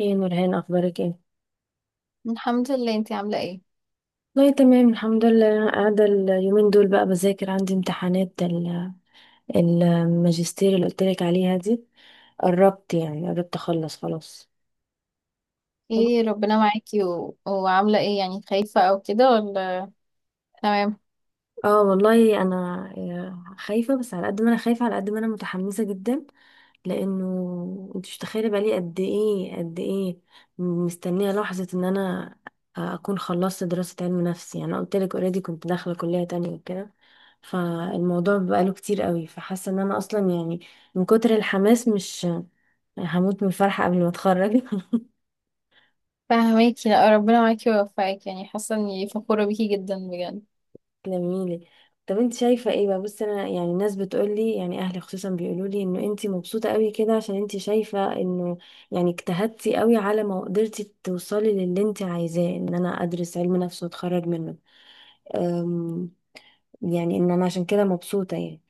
ايه يا نورهان، اخبارك ايه؟ الحمد لله. انتي عاملة ايه؟ والله تمام الحمد لله. أنا قاعده اليومين دول بقى بذاكر، عندي امتحانات الماجستير اللي قلت لك عليها دي. قربت، يعني قربت اخلص خلاص. ايه، ربنا معاكي. و... وعاملة ايه يعني، خايفة او كده ولا تمام؟ اه والله انا، خايفه، بس على قد ما انا خايفه على قد ما انا متحمسه جدا، لانه انت مش متخيله بقالي قد ايه قد ايه مستنيه لحظه ان انا اكون خلصت دراسه علم نفس. يعني انا قلت لك اوريدي كنت داخله كليه تانية وكده، فالموضوع بقاله كتير قوي، فحاسه ان انا اصلا يعني من كتر الحماس مش هموت من الفرحه قبل ما اتخرج. فهماكي. لا، ربنا معاكي ويوفقك. يعني حاسة اني فخورة بيكي جدا بجد. تلميلي. طب انت شايفة ايه بقى؟ بصي، انا يعني الناس بتقولي، يعني اهلي خصوصا بيقولولي، انه انت مبسوطة قوي كده عشان انت شايفة انه يعني اجتهدتي قوي على ما قدرتي توصلي للي انت عايزاه، ان انا ادرس علم نفس واتخرج منه. أم، يعني ان انا عشان كده مبسوطة يعني.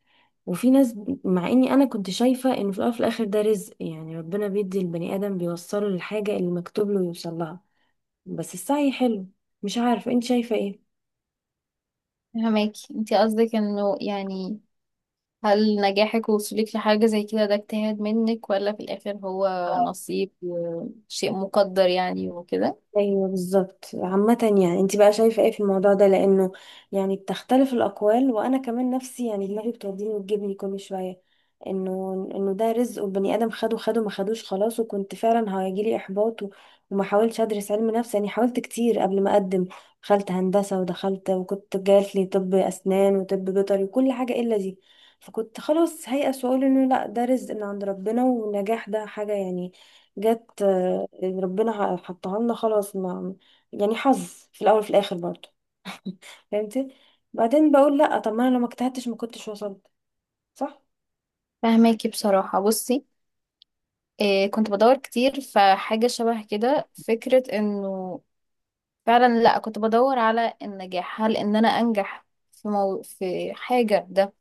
وفي ناس، مع اني انا كنت شايفة انه في الأول وفي الاخر ده رزق، يعني ربنا بيدي البني ادم بيوصله للحاجة اللي مكتوب له يوصل لها، بس السعي حلو. مش عارفة انت شايفة ايه. فهماكي. انتي قصدك انه يعني، هل نجاحك ووصولك لحاجة زي كده ده اجتهاد منك ولا في الاخر هو نصيب وشيء مقدر يعني وكده؟ ايوه بالظبط. عامة، يعني انت بقى شايفة ايه في الموضوع ده؟ لانه يعني بتختلف الاقوال، وانا كمان نفسي، يعني دماغي بتوديني وتجيبني كل شوية، انه انه ده رزق والبني ادم خده خده ما خدوش خلاص، وكنت فعلا هيجيلي احباط وما حاولتش ادرس علم نفس. يعني حاولت كتير قبل ما اقدم، دخلت هندسة ودخلت، وكنت جات لي طب اسنان وطب بيطري وكل حاجة الا دي. فكنت خلاص هيأس واقول انه لا، ده رزق من عند ربنا والنجاح ده حاجة يعني جت، ربنا حطها لنا خلاص، ما يعني حظ في الاول وفي الاخر برضه، فهمتي. بعدين بقول لا، طب ما انا لو ما اجتهدتش ما كنتش وصلت، صح. فهماكي بصراحة. بصي، إيه، كنت بدور كتير فحاجة شبه كده، فكرة انه فعلا، لا، كنت بدور على النجاح، هل ان انا انجح في حاجة ده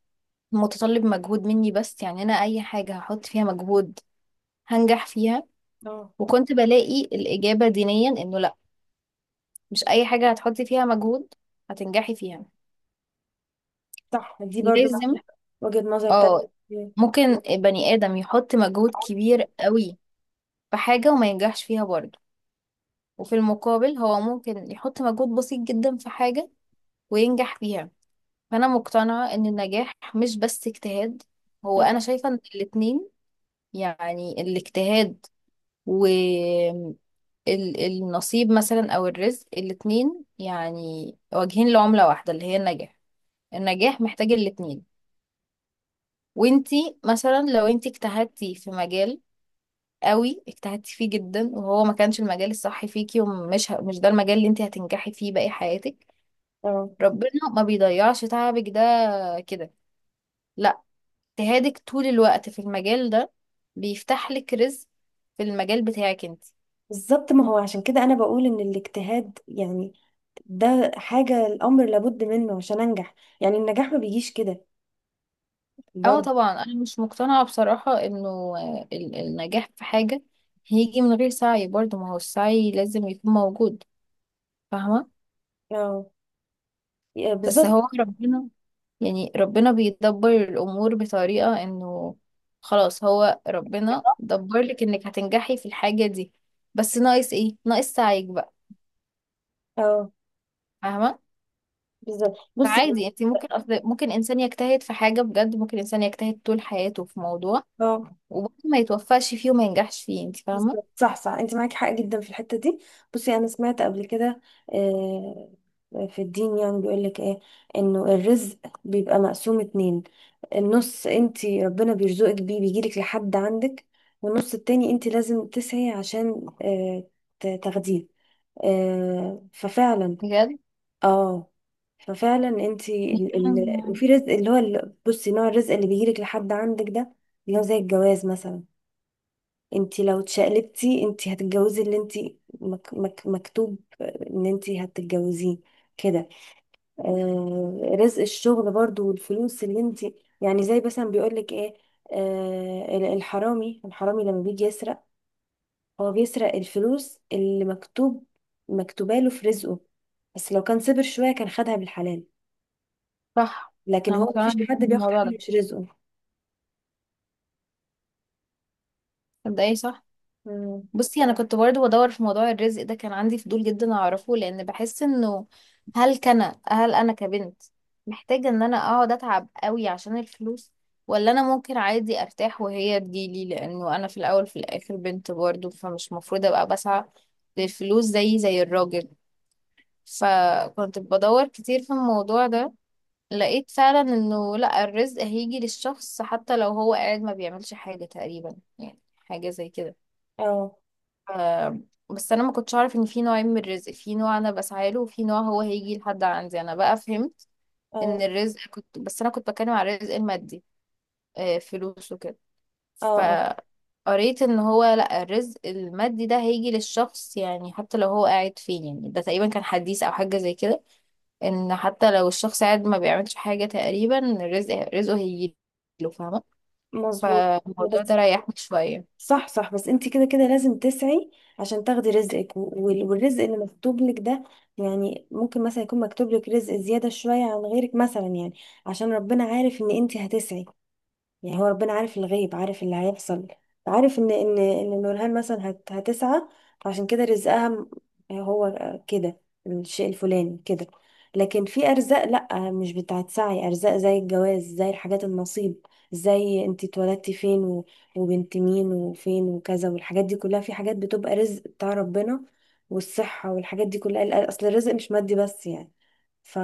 متطلب مجهود مني، بس يعني انا اي حاجة هحط فيها مجهود هنجح فيها؟ اه وكنت بلاقي الإجابة دينيا انه لا، مش اي حاجة هتحطي فيها مجهود هتنجحي فيها، صح، دي برضه معاكي لازم. حق. وجهة نظر اه، تانية. ممكن بني آدم يحط مجهود كبير قوي في حاجة وما ينجحش فيها برضه، وفي المقابل هو ممكن يحط مجهود بسيط جدا في حاجة وينجح فيها. فانا مقتنعة ان النجاح مش بس اجتهاد، هو اه. انا شايفة ان الاتنين، يعني الاجتهاد والنصيب مثلا او الرزق، الاتنين يعني واجهين لعملة واحدة اللي هي النجاح. النجاح محتاج الاتنين. وانتي مثلا لو انتي اجتهدتي في مجال قوي، اجتهدتي فيه جدا وهو ما كانش المجال الصح فيكي، ومش ه- مش ده المجال اللي انتي هتنجحي فيه باقي حياتك، آه. ربنا ما بيضيعش تعبك ده كده. لا، اجتهادك طول الوقت في المجال ده بيفتح لك رزق في المجال بتاعك انت. بالظبط، ما هو عشان كده انا بقول ان الاجتهاد يعني ده حاجة الامر لابد منه عشان انجح، يعني النجاح ما بيجيش كده اه برضه. طبعا، انا مش مقتنعة بصراحة انه النجاح في حاجة هيجي من غير سعي برضه، ما هو السعي لازم يكون موجود، فاهمة؟ اه بس بالظبط. هو ربنا، يعني ربنا بيدبر الامور بطريقة انه خلاص هو ربنا دبر لك انك هتنجحي في الحاجة دي، بس ناقص ايه؟ ناقص سعيك بقى، اه فاهمة؟ بالظبط. بصي، فعادي، انت ممكن، أصل ممكن انسان يجتهد في حاجة بجد، ممكن انسان يجتهد طول حياته في موضوع اه وبرضه ما يتوفقش فيه وما ينجحش فيه، انت فاهمة؟ بالظبط، صح صح، انت معاكي حق جدا في الحته دي. بصي انا سمعت قبل كده، آه، في الدين يعني بيقول لك ايه، انه الرزق بيبقى مقسوم اتنين. النص انت ربنا بيرزقك بيه بيجيلك لحد عندك، والنص التاني انت لازم تسعي عشان، تاخديه. ففعلا. بجد. اه ففعلا انت، أنا- في رزق اللي هو بصي، نوع الرزق اللي بيجيلك لحد عندك ده اللي هو زي الجواز مثلا، انت لو اتشقلبتي انت هتتجوزي اللي انت مك مكتوب ان انت هتتجوزيه كده. آه، رزق الشغل برضو، والفلوس اللي انت يعني زي مثلا بيقولك ايه، الحرامي الحرامي لما بيجي يسرق، هو بيسرق الفلوس اللي مكتوباله في رزقه، بس لو كان صبر شوية كان خدها بالحلال. صح. لكن انا هو مقتنعة مفيش جدا حد بياخد بالموضوع حاجة ده مش رزقه. مبدئيا، صح. مم. بصي، انا كنت برضو بدور في موضوع الرزق ده، كان عندي فضول جدا اعرفه لان بحس انه، هل كان هل انا كبنت محتاجة ان انا اقعد اتعب قوي عشان الفلوس، ولا انا ممكن عادي ارتاح وهي تجيلي، لانه انا في الاول في الاخر بنت برضو، فمش مفروض ابقى بسعى للفلوس زي الراجل. فكنت بدور كتير في الموضوع ده، لقيت فعلا انه لا، الرزق هيجي للشخص حتى لو هو قاعد ما بيعملش حاجة تقريبا، يعني حاجة زي كده. اه آه، بس انا ما كنتش اعرف ان في نوعين من الرزق، في نوع انا بسعى له وفي نوع هو هيجي لحد عندي. انا بقى فهمت ان اه الرزق، كنت بس انا كنت بتكلم على الرزق المادي، فلوس وكده. اه اه، فقريت ان هو لا، الرزق المادي ده هيجي للشخص يعني حتى لو هو قاعد فين، يعني ده تقريبا كان حديث او حاجة زي كده، ان حتى لو الشخص قاعد ما بيعملش حاجة تقريبا، رزقه هيجي له، فاهمة؟ مظبوط. فالموضوع بس ده ريحني شوية. صح صح، بس انت كده كده لازم تسعي عشان تاخدي رزقك، والرزق اللي مكتوب لك ده، يعني ممكن مثلا يكون مكتوب لك رزق زيادة شوية عن غيرك مثلا، يعني عشان ربنا عارف ان انت هتسعي. يعني هو ربنا عارف الغيب، عارف اللي هيحصل، عارف ان نورهان مثلا هتسعى، عشان كده رزقها هو كده، الشيء الفلاني كده. لكن في ارزاق لا، مش بتاعت سعي، ارزاق زي الجواز، زي الحاجات النصيب، زي انت اتولدتي فين، وبنت مين وفين وكذا، والحاجات دي كلها، في حاجات بتبقى رزق بتاع ربنا. والصحة والحاجات دي كلها، اصل الرزق مش مادي بس يعني. ف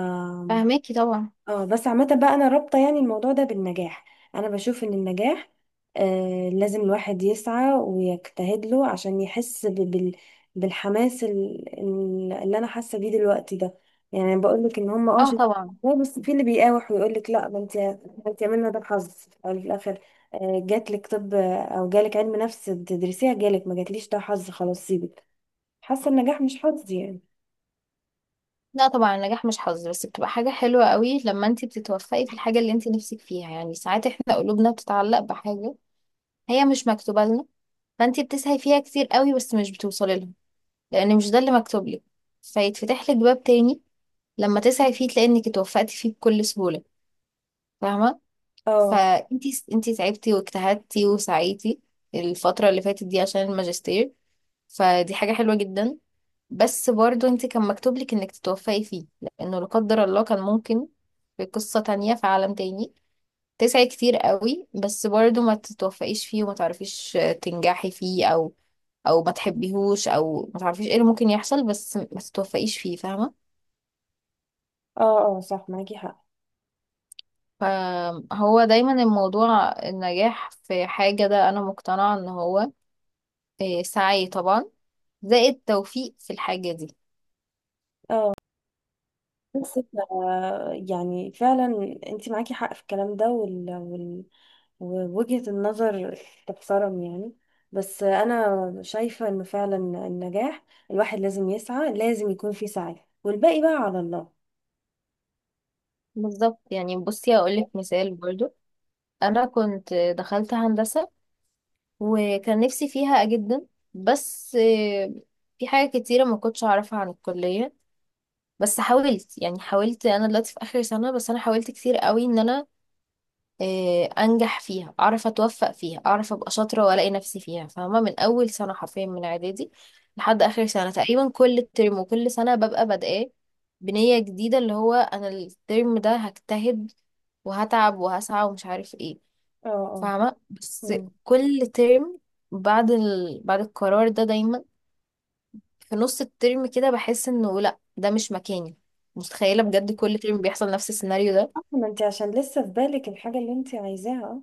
فاهماكي طبعا. اه. بس عامة بقى، انا رابطة يعني الموضوع ده بالنجاح، انا بشوف ان النجاح لازم الواحد يسعى ويجتهد له عشان يحس بالحماس اللي انا حاسة بيه دلوقتي ده، يعني بقول لك ان هم اه شايفين طبعا. الموضوع. بس في اللي بيقاوح ويقول لك لا، ما انت عملنا ده حظ، يعني في الاخر، جات لك طب او جالك علم نفس تدرسيها، جالك، ما جاتليش، ده حظ خلاص سيبك. حاسة النجاح مش حظ يعني. لا طبعا، النجاح مش حظ، بس بتبقى حاجة حلوة قوي لما انت بتتوفقي في الحاجة اللي انت نفسك فيها. يعني ساعات احنا قلوبنا بتتعلق بحاجة هي مش مكتوبة لنا، فانت بتسعي فيها كتير قوي بس مش بتوصلي لها لان مش ده اللي مكتوب لك، فيتفتح لك باب تاني لما تسعي فيه تلاقي انك اتوفقتي فيه بكل سهولة، فاهمة؟ اه فانتي تعبتي واجتهدتي وسعيتي الفترة اللي فاتت دي عشان الماجستير، فدي حاجة حلوة جدا، بس برضو انتي كان مكتوب لك انك تتوفقي فيه، لانه لا قدر الله كان ممكن في قصة تانية في عالم تاني تسعي كتير قوي بس برضو ما تتوفقيش فيه وما تعرفيش تنجحي فيه، او ما تحبيهوش او ما تعرفيش ايه اللي ممكن يحصل، بس ما تتوفقيش فيه، فاهمة؟ اه اه صح معاكي حق. فهو دايما الموضوع، النجاح في حاجة ده انا مقتنعة ان هو سعي طبعا زائد توفيق في الحاجة دي. اه، بس يعني فعلا انت معاكي حق في الكلام ده، ووجهة النظر تحترم يعني. بس انا شايفة انه فعلا النجاح الواحد لازم يسعى، لازم يكون في سعي والباقي بقى على الله. بالظبط. يعني بصي، أقولك مثال برضو. أنا كنت دخلت هندسة وكان نفسي فيها جدا، بس في حاجة كتيرة ما كنتش أعرفها عن الكلية. بس حاولت، يعني حاولت، أنا دلوقتي في آخر سنة، بس أنا حاولت كتير قوي إن أنا انجح فيها، اعرف اتوفق فيها، اعرف ابقى شاطره والاقي نفسي فيها، فاهمه؟ من اول سنه حرفيا، من اعدادي لحد اخر سنه تقريبا، كل ترم وكل سنه ببقى بادئه بنيه جديده، اللي هو انا الترم ده هجتهد وهتعب وهسعى ومش عارف ايه، اه اه. فاهمه؟ بس مم. كل ترم بعد القرار ده دايما، في نص الترم كده بحس انه لا، ده مش مكاني، متخيله؟ بجد كل ترم بيحصل نفس السيناريو ده. آه، ما انت عشان لسه في بالك الحاجة اللي انت عايزاها.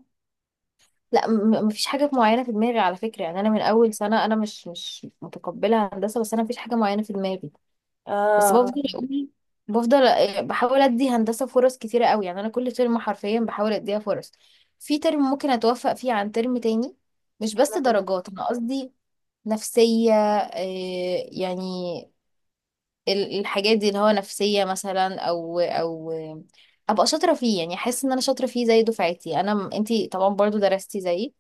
لا، مفيش حاجة معينة في دماغي على فكرة، يعني أنا من أول سنة أنا مش متقبلة هندسة، بس أنا مفيش حاجة معينة في دماغي. بس اه بفضل اه. أقول، بفضل بحاول أدي هندسة فرص كتيرة قوي، يعني أنا كل ترم حرفيا بحاول أديها فرص، في ترم ممكن أتوفق فيه عن ترم تاني. مش بس درجات أنا قصدي، نفسية، يعني الحاجات دي اللي هو نفسية مثلا، أو أبقى شاطرة فيه، يعني أحس إن أنا شاطرة فيه زي دفعتي. أنتي طبعا برضو درستي زيي،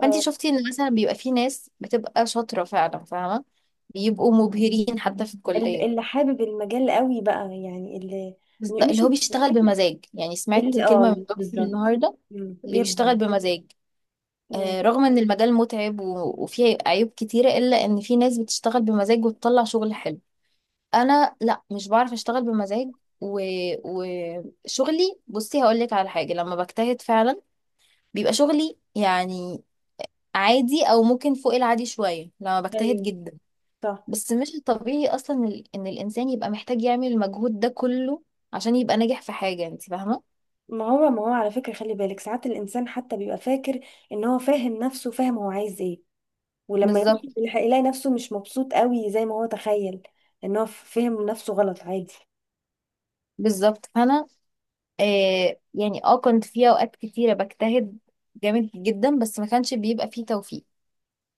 آه. فانت آه. شفتي ان مثلا بيبقى في ناس بتبقى شاطره فعلا، فاهمه؟ بيبقوا مبهرين حتى في الكليه. اللي حابب المجال قوي بقى، يعني اللي بس ده مش، اللي هو بيشتغل بمزاج، يعني سمعت اللي كلمه من اه دكتور بالظبط. النهارده، مم. اللي بيبدع. بيشتغل بمزاج مم. رغم ان المجال متعب و- وفيه عيوب كتيره، الا ان في ناس بتشتغل بمزاج وتطلع شغل حلو. انا لا، مش بعرف اشتغل بمزاج، و... وشغلي، بصي هقول لك على حاجه، لما بجتهد فعلا بيبقى شغلي يعني عادي او ممكن فوق العادي شويه لما بجتهد ايوه جدا. صح. بس مش الطبيعي اصلا ان الانسان يبقى محتاج يعمل المجهود ده كله عشان يبقى ناجح في حاجه، انت فاهمه؟ ما هو على فكرة، خلي بالك ساعات الإنسان حتى بيبقى فاكر إن هو فاهم نفسه، فاهم هو عايز إيه، ولما يمشي بالظبط. في الحقيقة يلاقي نفسه مش مبسوط قوي زي ما هو تخيل، إن هو فهم نفسه غلط، عادي. بالظبط. فانا يعني كنت في اوقات كتيره بجتهد جامد جدا بس ما كانش بيبقى فيه توفيق.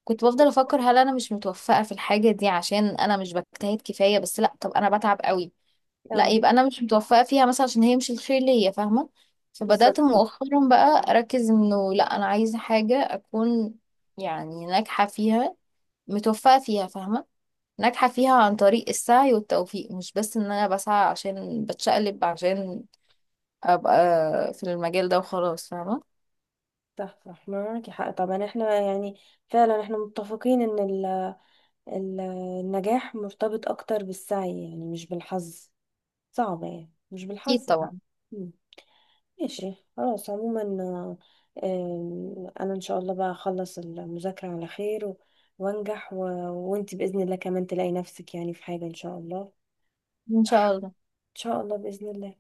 كنت بفضل افكر، هل انا مش متوفقه في الحاجه دي عشان انا مش بجتهد كفايه؟ بس لا، طب انا بتعب قوي، لا، اه يبقى انا مش متوفقه فيها مثلا عشان هي مش الخير ليا، فاهمه؟ بالظبط. فبدات صح مؤخرا بقى اركز انه لا، انا عايزه حاجه اكون يعني ناجحه فيها، متوفقة فيها، فاهمة؟ ناجحة فيها عن طريق السعي والتوفيق، مش بس ان انا بسعى عشان بتشقلب عشان ابقى في المجال ده وخلاص، فاهمة؟ صح. صح معاكي حق طبعا. احنا يعني فعلا احنا متفقين ان ال- النجاح مرتبط اكتر بالسعي يعني، مش بالحظ، صعب يعني مش اكيد بالحظ. طبعا. ماشي خلاص. عموما، انا ان شاء الله بقى اخلص المذاكرة على خير وانجح، وانت بإذن الله كمان تلاقي نفسك يعني في حاجة ان شاء الله. ان شاء الله. ان شاء الله. بإذن الله.